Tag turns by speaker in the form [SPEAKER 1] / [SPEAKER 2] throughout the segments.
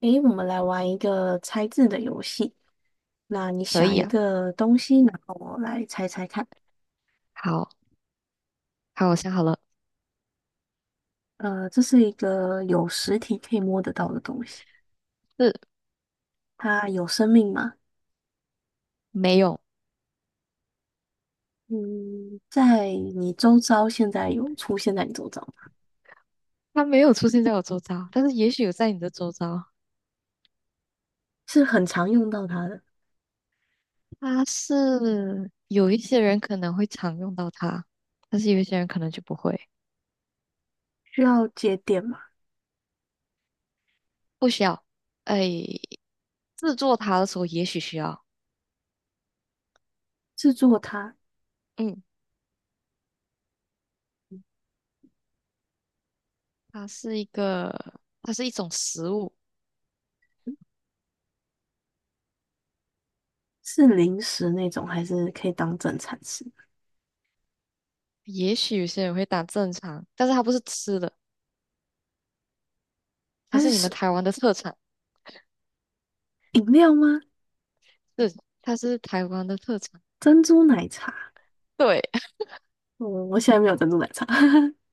[SPEAKER 1] 诶，我们来玩一个猜字的游戏。那你
[SPEAKER 2] 可
[SPEAKER 1] 想
[SPEAKER 2] 以
[SPEAKER 1] 一
[SPEAKER 2] 啊，
[SPEAKER 1] 个东西，然后我来猜猜看。
[SPEAKER 2] 好，好，我想好了，
[SPEAKER 1] 这是一个有实体可以摸得到的东西，
[SPEAKER 2] 是。
[SPEAKER 1] 它有生命吗？
[SPEAKER 2] 没有，
[SPEAKER 1] 嗯，在你周遭现在有出现在你周遭吗，
[SPEAKER 2] 它没有出现在我周遭，但是也许有在你的周遭。
[SPEAKER 1] 是很常用到它的。
[SPEAKER 2] 它是有一些人可能会常用到它，但是有一些人可能就不会，
[SPEAKER 1] 需要节点吗？
[SPEAKER 2] 不需要。哎，制作它的时候也许需要。
[SPEAKER 1] 制作它
[SPEAKER 2] 嗯，它是一个，它是一种食物，
[SPEAKER 1] 是零食那种，还是可以当正餐吃？
[SPEAKER 2] 也许有些人会当正常，但是它不是吃的，它
[SPEAKER 1] 它
[SPEAKER 2] 是你们
[SPEAKER 1] 是
[SPEAKER 2] 台湾的特产，
[SPEAKER 1] 饮料吗？
[SPEAKER 2] 是，它是台湾的特产。
[SPEAKER 1] 珍珠奶茶？
[SPEAKER 2] 对，
[SPEAKER 1] 嗯，我现在没有珍珠奶茶。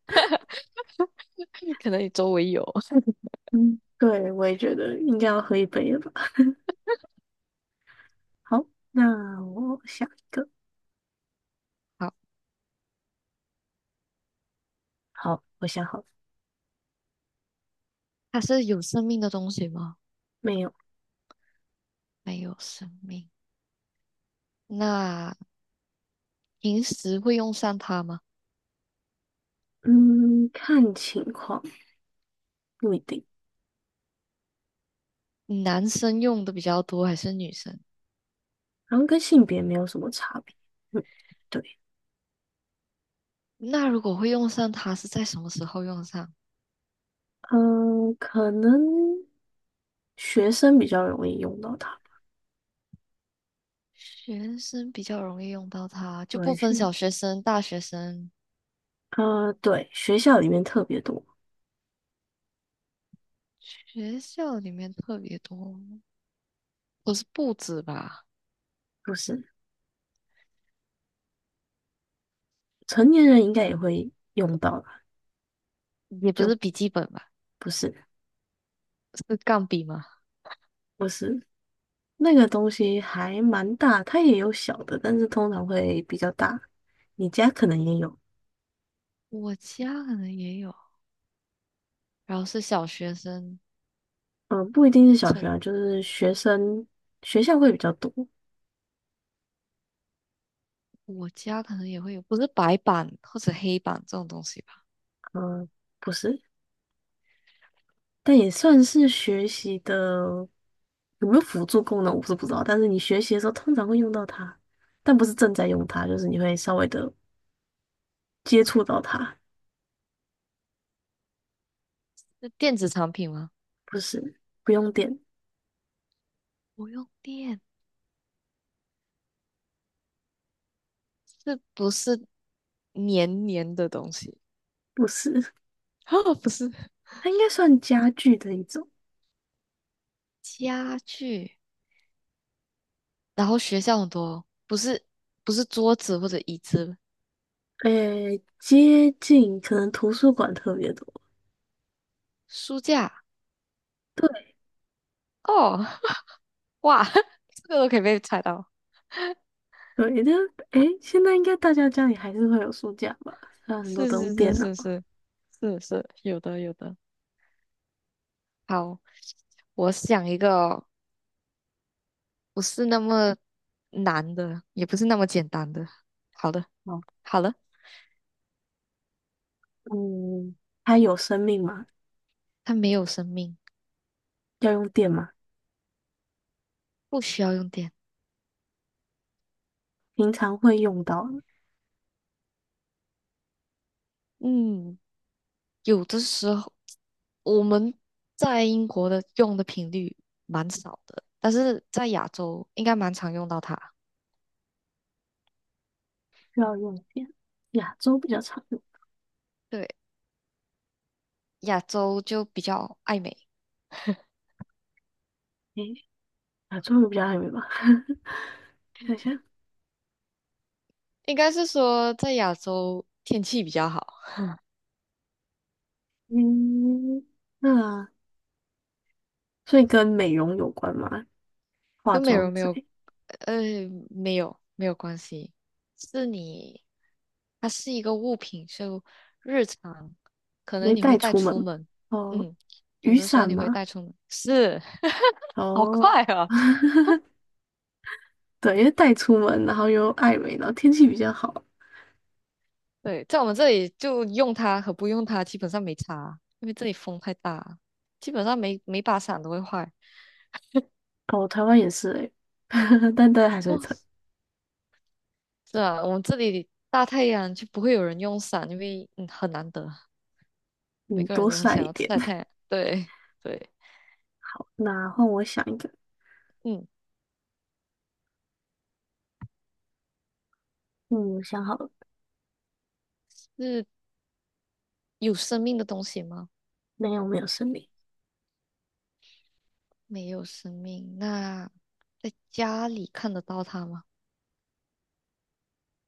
[SPEAKER 2] 可能你周围有。
[SPEAKER 1] 嗯，对，我也觉得应该要喝一杯了吧。好，那我想一个。
[SPEAKER 2] 好。
[SPEAKER 1] 好，我想好了，
[SPEAKER 2] 它是有生命的东西吗？
[SPEAKER 1] 没有。
[SPEAKER 2] 没有生命。那平时会用上它吗？
[SPEAKER 1] 嗯，看情况，不一定，
[SPEAKER 2] 男生用的比较多还是女生？
[SPEAKER 1] 然后跟性别没有什么差别。嗯，对，
[SPEAKER 2] 那如果会用上它，是在什么时候用上？
[SPEAKER 1] 嗯，可能学生比较容易用到它。
[SPEAKER 2] 学生比较容易用到它，就不
[SPEAKER 1] 对，
[SPEAKER 2] 分小
[SPEAKER 1] 是，
[SPEAKER 2] 学生、大学生。
[SPEAKER 1] 对，学校里面特别多，
[SPEAKER 2] 学校里面特别多，不是簿子吧？
[SPEAKER 1] 不是，成年人应该也会用到吧？
[SPEAKER 2] 也不是笔
[SPEAKER 1] 就
[SPEAKER 2] 记本吧？
[SPEAKER 1] 不是，
[SPEAKER 2] 是钢笔吗？
[SPEAKER 1] 不是，那个东西还蛮大，它也有小的，但是通常会比较大。你家可能也有，
[SPEAKER 2] 我家可能也有，然后是小学生。
[SPEAKER 1] 不一定是小学啊，就是学生学校会比较多，
[SPEAKER 2] 我家可能也会有，不是白板或者黑板这种东西吧？
[SPEAKER 1] 嗯、不是，但也算是学习的有没有辅助功能我是不知道，但是你学习的时候通常会用到它，但不是正在用它，就是你会稍微的接触到它，
[SPEAKER 2] 是电子产品吗？
[SPEAKER 1] 不是，不用电，
[SPEAKER 2] 不用电，是不是黏黏的东西？
[SPEAKER 1] 不是，
[SPEAKER 2] 啊，不是。
[SPEAKER 1] 它应该算家具的一种。
[SPEAKER 2] 家具，然后学校很多，不是桌子或者椅子，
[SPEAKER 1] 诶，接近可能图书馆特别多。
[SPEAKER 2] 书架。
[SPEAKER 1] 对
[SPEAKER 2] 哦，哇，这个都可以被猜到，
[SPEAKER 1] 对，但诶，现在应该大家家里还是会有书架吧？还有很多
[SPEAKER 2] 是
[SPEAKER 1] 都用
[SPEAKER 2] 是是
[SPEAKER 1] 电脑，
[SPEAKER 2] 是是是，有的有的。好，我想一个哦，不是那么难的，也不是那么简单的。好的。
[SPEAKER 1] 哦
[SPEAKER 2] 好了，
[SPEAKER 1] 嗯，它有生命吗？
[SPEAKER 2] 它没有生命，
[SPEAKER 1] 要用电吗？
[SPEAKER 2] 不需要用电。
[SPEAKER 1] 平常会用到的
[SPEAKER 2] 嗯，有的时候我们在英国的用的频率蛮少的，但是在亚洲应该蛮常用到它。
[SPEAKER 1] 需要用电。亚洲比较常用，
[SPEAKER 2] 对，亚洲就比较爱美，
[SPEAKER 1] 诶，亚洲人比较爱美吧？想一下，
[SPEAKER 2] 应该是说在亚洲天气比较好。
[SPEAKER 1] 嗯，那所以跟美容有关吗？化
[SPEAKER 2] 跟美
[SPEAKER 1] 妆
[SPEAKER 2] 容没
[SPEAKER 1] 之
[SPEAKER 2] 有，
[SPEAKER 1] 类，
[SPEAKER 2] 呃，没有关系，是你，它是一个物品，就日常可
[SPEAKER 1] 你
[SPEAKER 2] 能
[SPEAKER 1] 会
[SPEAKER 2] 你会
[SPEAKER 1] 带
[SPEAKER 2] 带
[SPEAKER 1] 出门
[SPEAKER 2] 出
[SPEAKER 1] 吗？
[SPEAKER 2] 门，
[SPEAKER 1] 哦，
[SPEAKER 2] 嗯，有
[SPEAKER 1] 雨
[SPEAKER 2] 的时候
[SPEAKER 1] 伞
[SPEAKER 2] 你会
[SPEAKER 1] 嘛？
[SPEAKER 2] 带出门，是，好
[SPEAKER 1] 哦，
[SPEAKER 2] 快啊，
[SPEAKER 1] 对，因为带出门，然后又爱美，然后天气比较好，
[SPEAKER 2] 对，在我们这里就用它和不用它基本上没差，因为这里风太大，基本上每每把伞都会坏。
[SPEAKER 1] 哦，台湾也是诶，但对海水
[SPEAKER 2] 哦，
[SPEAKER 1] 城，还是
[SPEAKER 2] 是啊，我们这里大太阳就不会有人用伞，因为很难得，
[SPEAKER 1] 会
[SPEAKER 2] 每
[SPEAKER 1] 嗯，
[SPEAKER 2] 个人
[SPEAKER 1] 多
[SPEAKER 2] 都很
[SPEAKER 1] 晒
[SPEAKER 2] 想
[SPEAKER 1] 一
[SPEAKER 2] 要
[SPEAKER 1] 点。
[SPEAKER 2] 晒太 阳，对对。
[SPEAKER 1] 好，那换我想一个，
[SPEAKER 2] 嗯。
[SPEAKER 1] 嗯，我想好了，
[SPEAKER 2] 是有生命的东西吗？
[SPEAKER 1] 没有没有生命，
[SPEAKER 2] 没有生命。那在家里看得到它吗？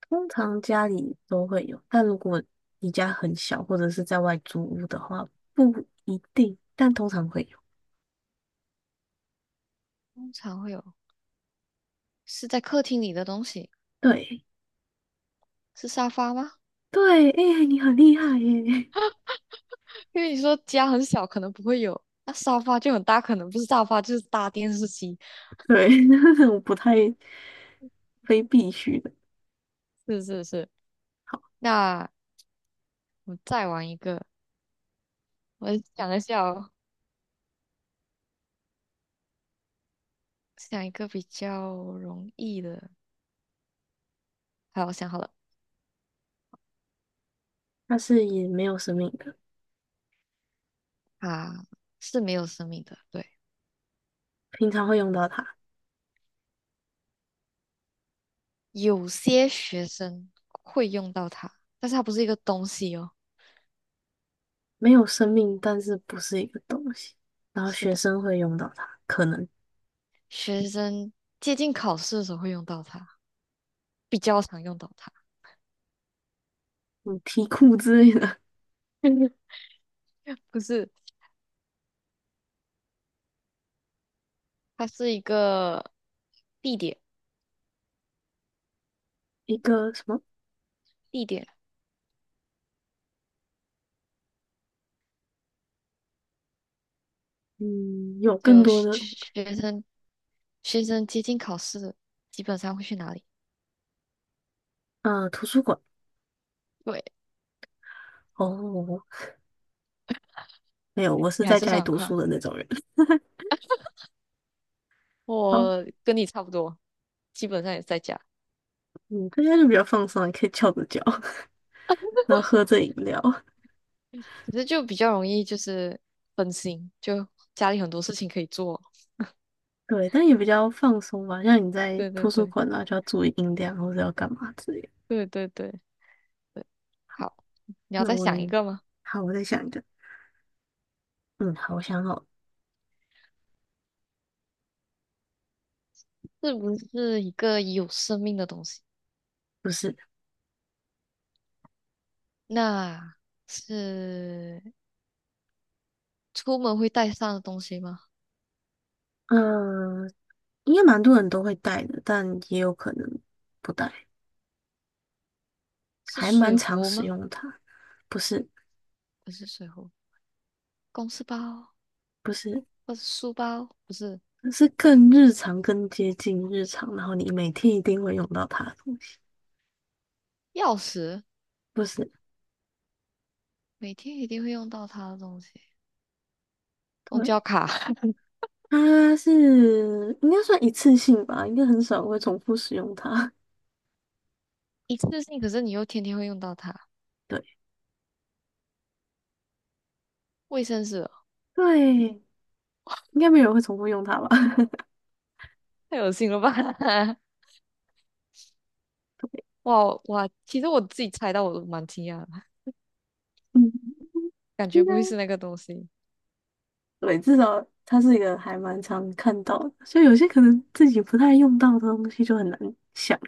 [SPEAKER 1] 通常家里都会有，但如果你家很小或者是在外租屋的话，不一定，但通常会有。
[SPEAKER 2] 通常会有，是在客厅里的东西，
[SPEAKER 1] 对
[SPEAKER 2] 是沙发吗？
[SPEAKER 1] 对，哎、你很厉害耶！
[SPEAKER 2] 因为你说家很小，可能不会有，那沙发就很大，可能不是沙发就是大电视机。
[SPEAKER 1] 对，我不太非必须的，
[SPEAKER 2] 是是是。那我再玩一个，我想一下哦，想一个比较容易的。好，我想好了，
[SPEAKER 1] 但是也没有生命的，
[SPEAKER 2] 啊，是没有生命的，对。
[SPEAKER 1] 平常会用到它。
[SPEAKER 2] 有些学生会用到它，但是它不是一个东西哦。
[SPEAKER 1] 没有生命，但是不是一个东西。然后
[SPEAKER 2] 是
[SPEAKER 1] 学
[SPEAKER 2] 的，
[SPEAKER 1] 生会用到它，可能
[SPEAKER 2] 学生接近考试的时候会用到它，比较常用到它。
[SPEAKER 1] 嗯题库之类的，
[SPEAKER 2] 不是，它是一个地点，
[SPEAKER 1] 一个什么
[SPEAKER 2] 地点
[SPEAKER 1] 嗯有更
[SPEAKER 2] 就
[SPEAKER 1] 多的
[SPEAKER 2] 学学生学生接近考试，基本上会去哪里？
[SPEAKER 1] 图书馆
[SPEAKER 2] 对，
[SPEAKER 1] 哦，没有，我是
[SPEAKER 2] 你还
[SPEAKER 1] 在
[SPEAKER 2] 是
[SPEAKER 1] 家里
[SPEAKER 2] 算很
[SPEAKER 1] 读
[SPEAKER 2] 快，
[SPEAKER 1] 书的那种人。好，
[SPEAKER 2] 我跟你差不多，基本上也是在家，
[SPEAKER 1] 嗯，在家就比较放松啊，也可以翘着脚，然后喝着饮料，
[SPEAKER 2] 可是就比较容易就是分心，就家里很多事情可以做。
[SPEAKER 1] 对，但也比较放松吧。像你在
[SPEAKER 2] 对对
[SPEAKER 1] 图书
[SPEAKER 2] 对
[SPEAKER 1] 馆啊，就要注意音量或者要干嘛之类的。
[SPEAKER 2] 对对对对，
[SPEAKER 1] 好，
[SPEAKER 2] 好，你要
[SPEAKER 1] 那
[SPEAKER 2] 再
[SPEAKER 1] 我
[SPEAKER 2] 想一
[SPEAKER 1] 也
[SPEAKER 2] 个吗？
[SPEAKER 1] 好，我再想一个。嗯，好，我想好了
[SPEAKER 2] 是不是一个有生命的东西？
[SPEAKER 1] 不是，
[SPEAKER 2] 那是出门会带上的东西吗？
[SPEAKER 1] 嗯、应该蛮多人都会带的，但也有可能不带，
[SPEAKER 2] 是
[SPEAKER 1] 还
[SPEAKER 2] 水
[SPEAKER 1] 蛮常
[SPEAKER 2] 壶
[SPEAKER 1] 使
[SPEAKER 2] 吗？
[SPEAKER 1] 用它。不是，
[SPEAKER 2] 不是水壶，公事包
[SPEAKER 1] 不是，
[SPEAKER 2] 或者书包，不是
[SPEAKER 1] 是更日常、更接近日常，然后你每天一定会用到它的东西。
[SPEAKER 2] 钥匙，
[SPEAKER 1] 不是，
[SPEAKER 2] 每天一定会用到它的东西。公交
[SPEAKER 1] 对，
[SPEAKER 2] 卡。
[SPEAKER 1] 它是应该算一次性吧，应该很少会重复使用它。
[SPEAKER 2] 一次性，可是你又天天会用到它。
[SPEAKER 1] 对，
[SPEAKER 2] 卫生纸哦，
[SPEAKER 1] 对，应该没有人会重复用它吧？
[SPEAKER 2] 太恶心了吧！
[SPEAKER 1] 对，
[SPEAKER 2] 哇哇，其实我自己猜到我都蛮惊讶的，
[SPEAKER 1] 嗯，
[SPEAKER 2] 感觉
[SPEAKER 1] 应该
[SPEAKER 2] 不会是那个东西。
[SPEAKER 1] 对，至少它是一个还蛮常看到的，所以有些可能自己不太用到的东西就很难想。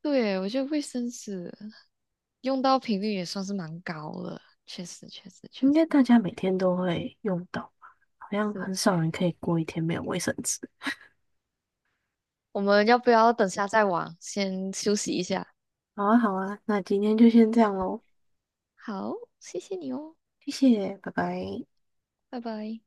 [SPEAKER 2] 对，我觉得卫生纸用到频率也算是蛮高了，确实确实确
[SPEAKER 1] 应
[SPEAKER 2] 实
[SPEAKER 1] 该大家每天都会用到吧？好像
[SPEAKER 2] 是。
[SPEAKER 1] 很少人可以过一天没有卫生纸。
[SPEAKER 2] 我们要不要等下再玩？先休息一下。
[SPEAKER 1] 好啊，好啊，那今天就先这样喽，
[SPEAKER 2] 好，谢谢你哦，
[SPEAKER 1] 谢谢，拜拜。
[SPEAKER 2] 拜拜。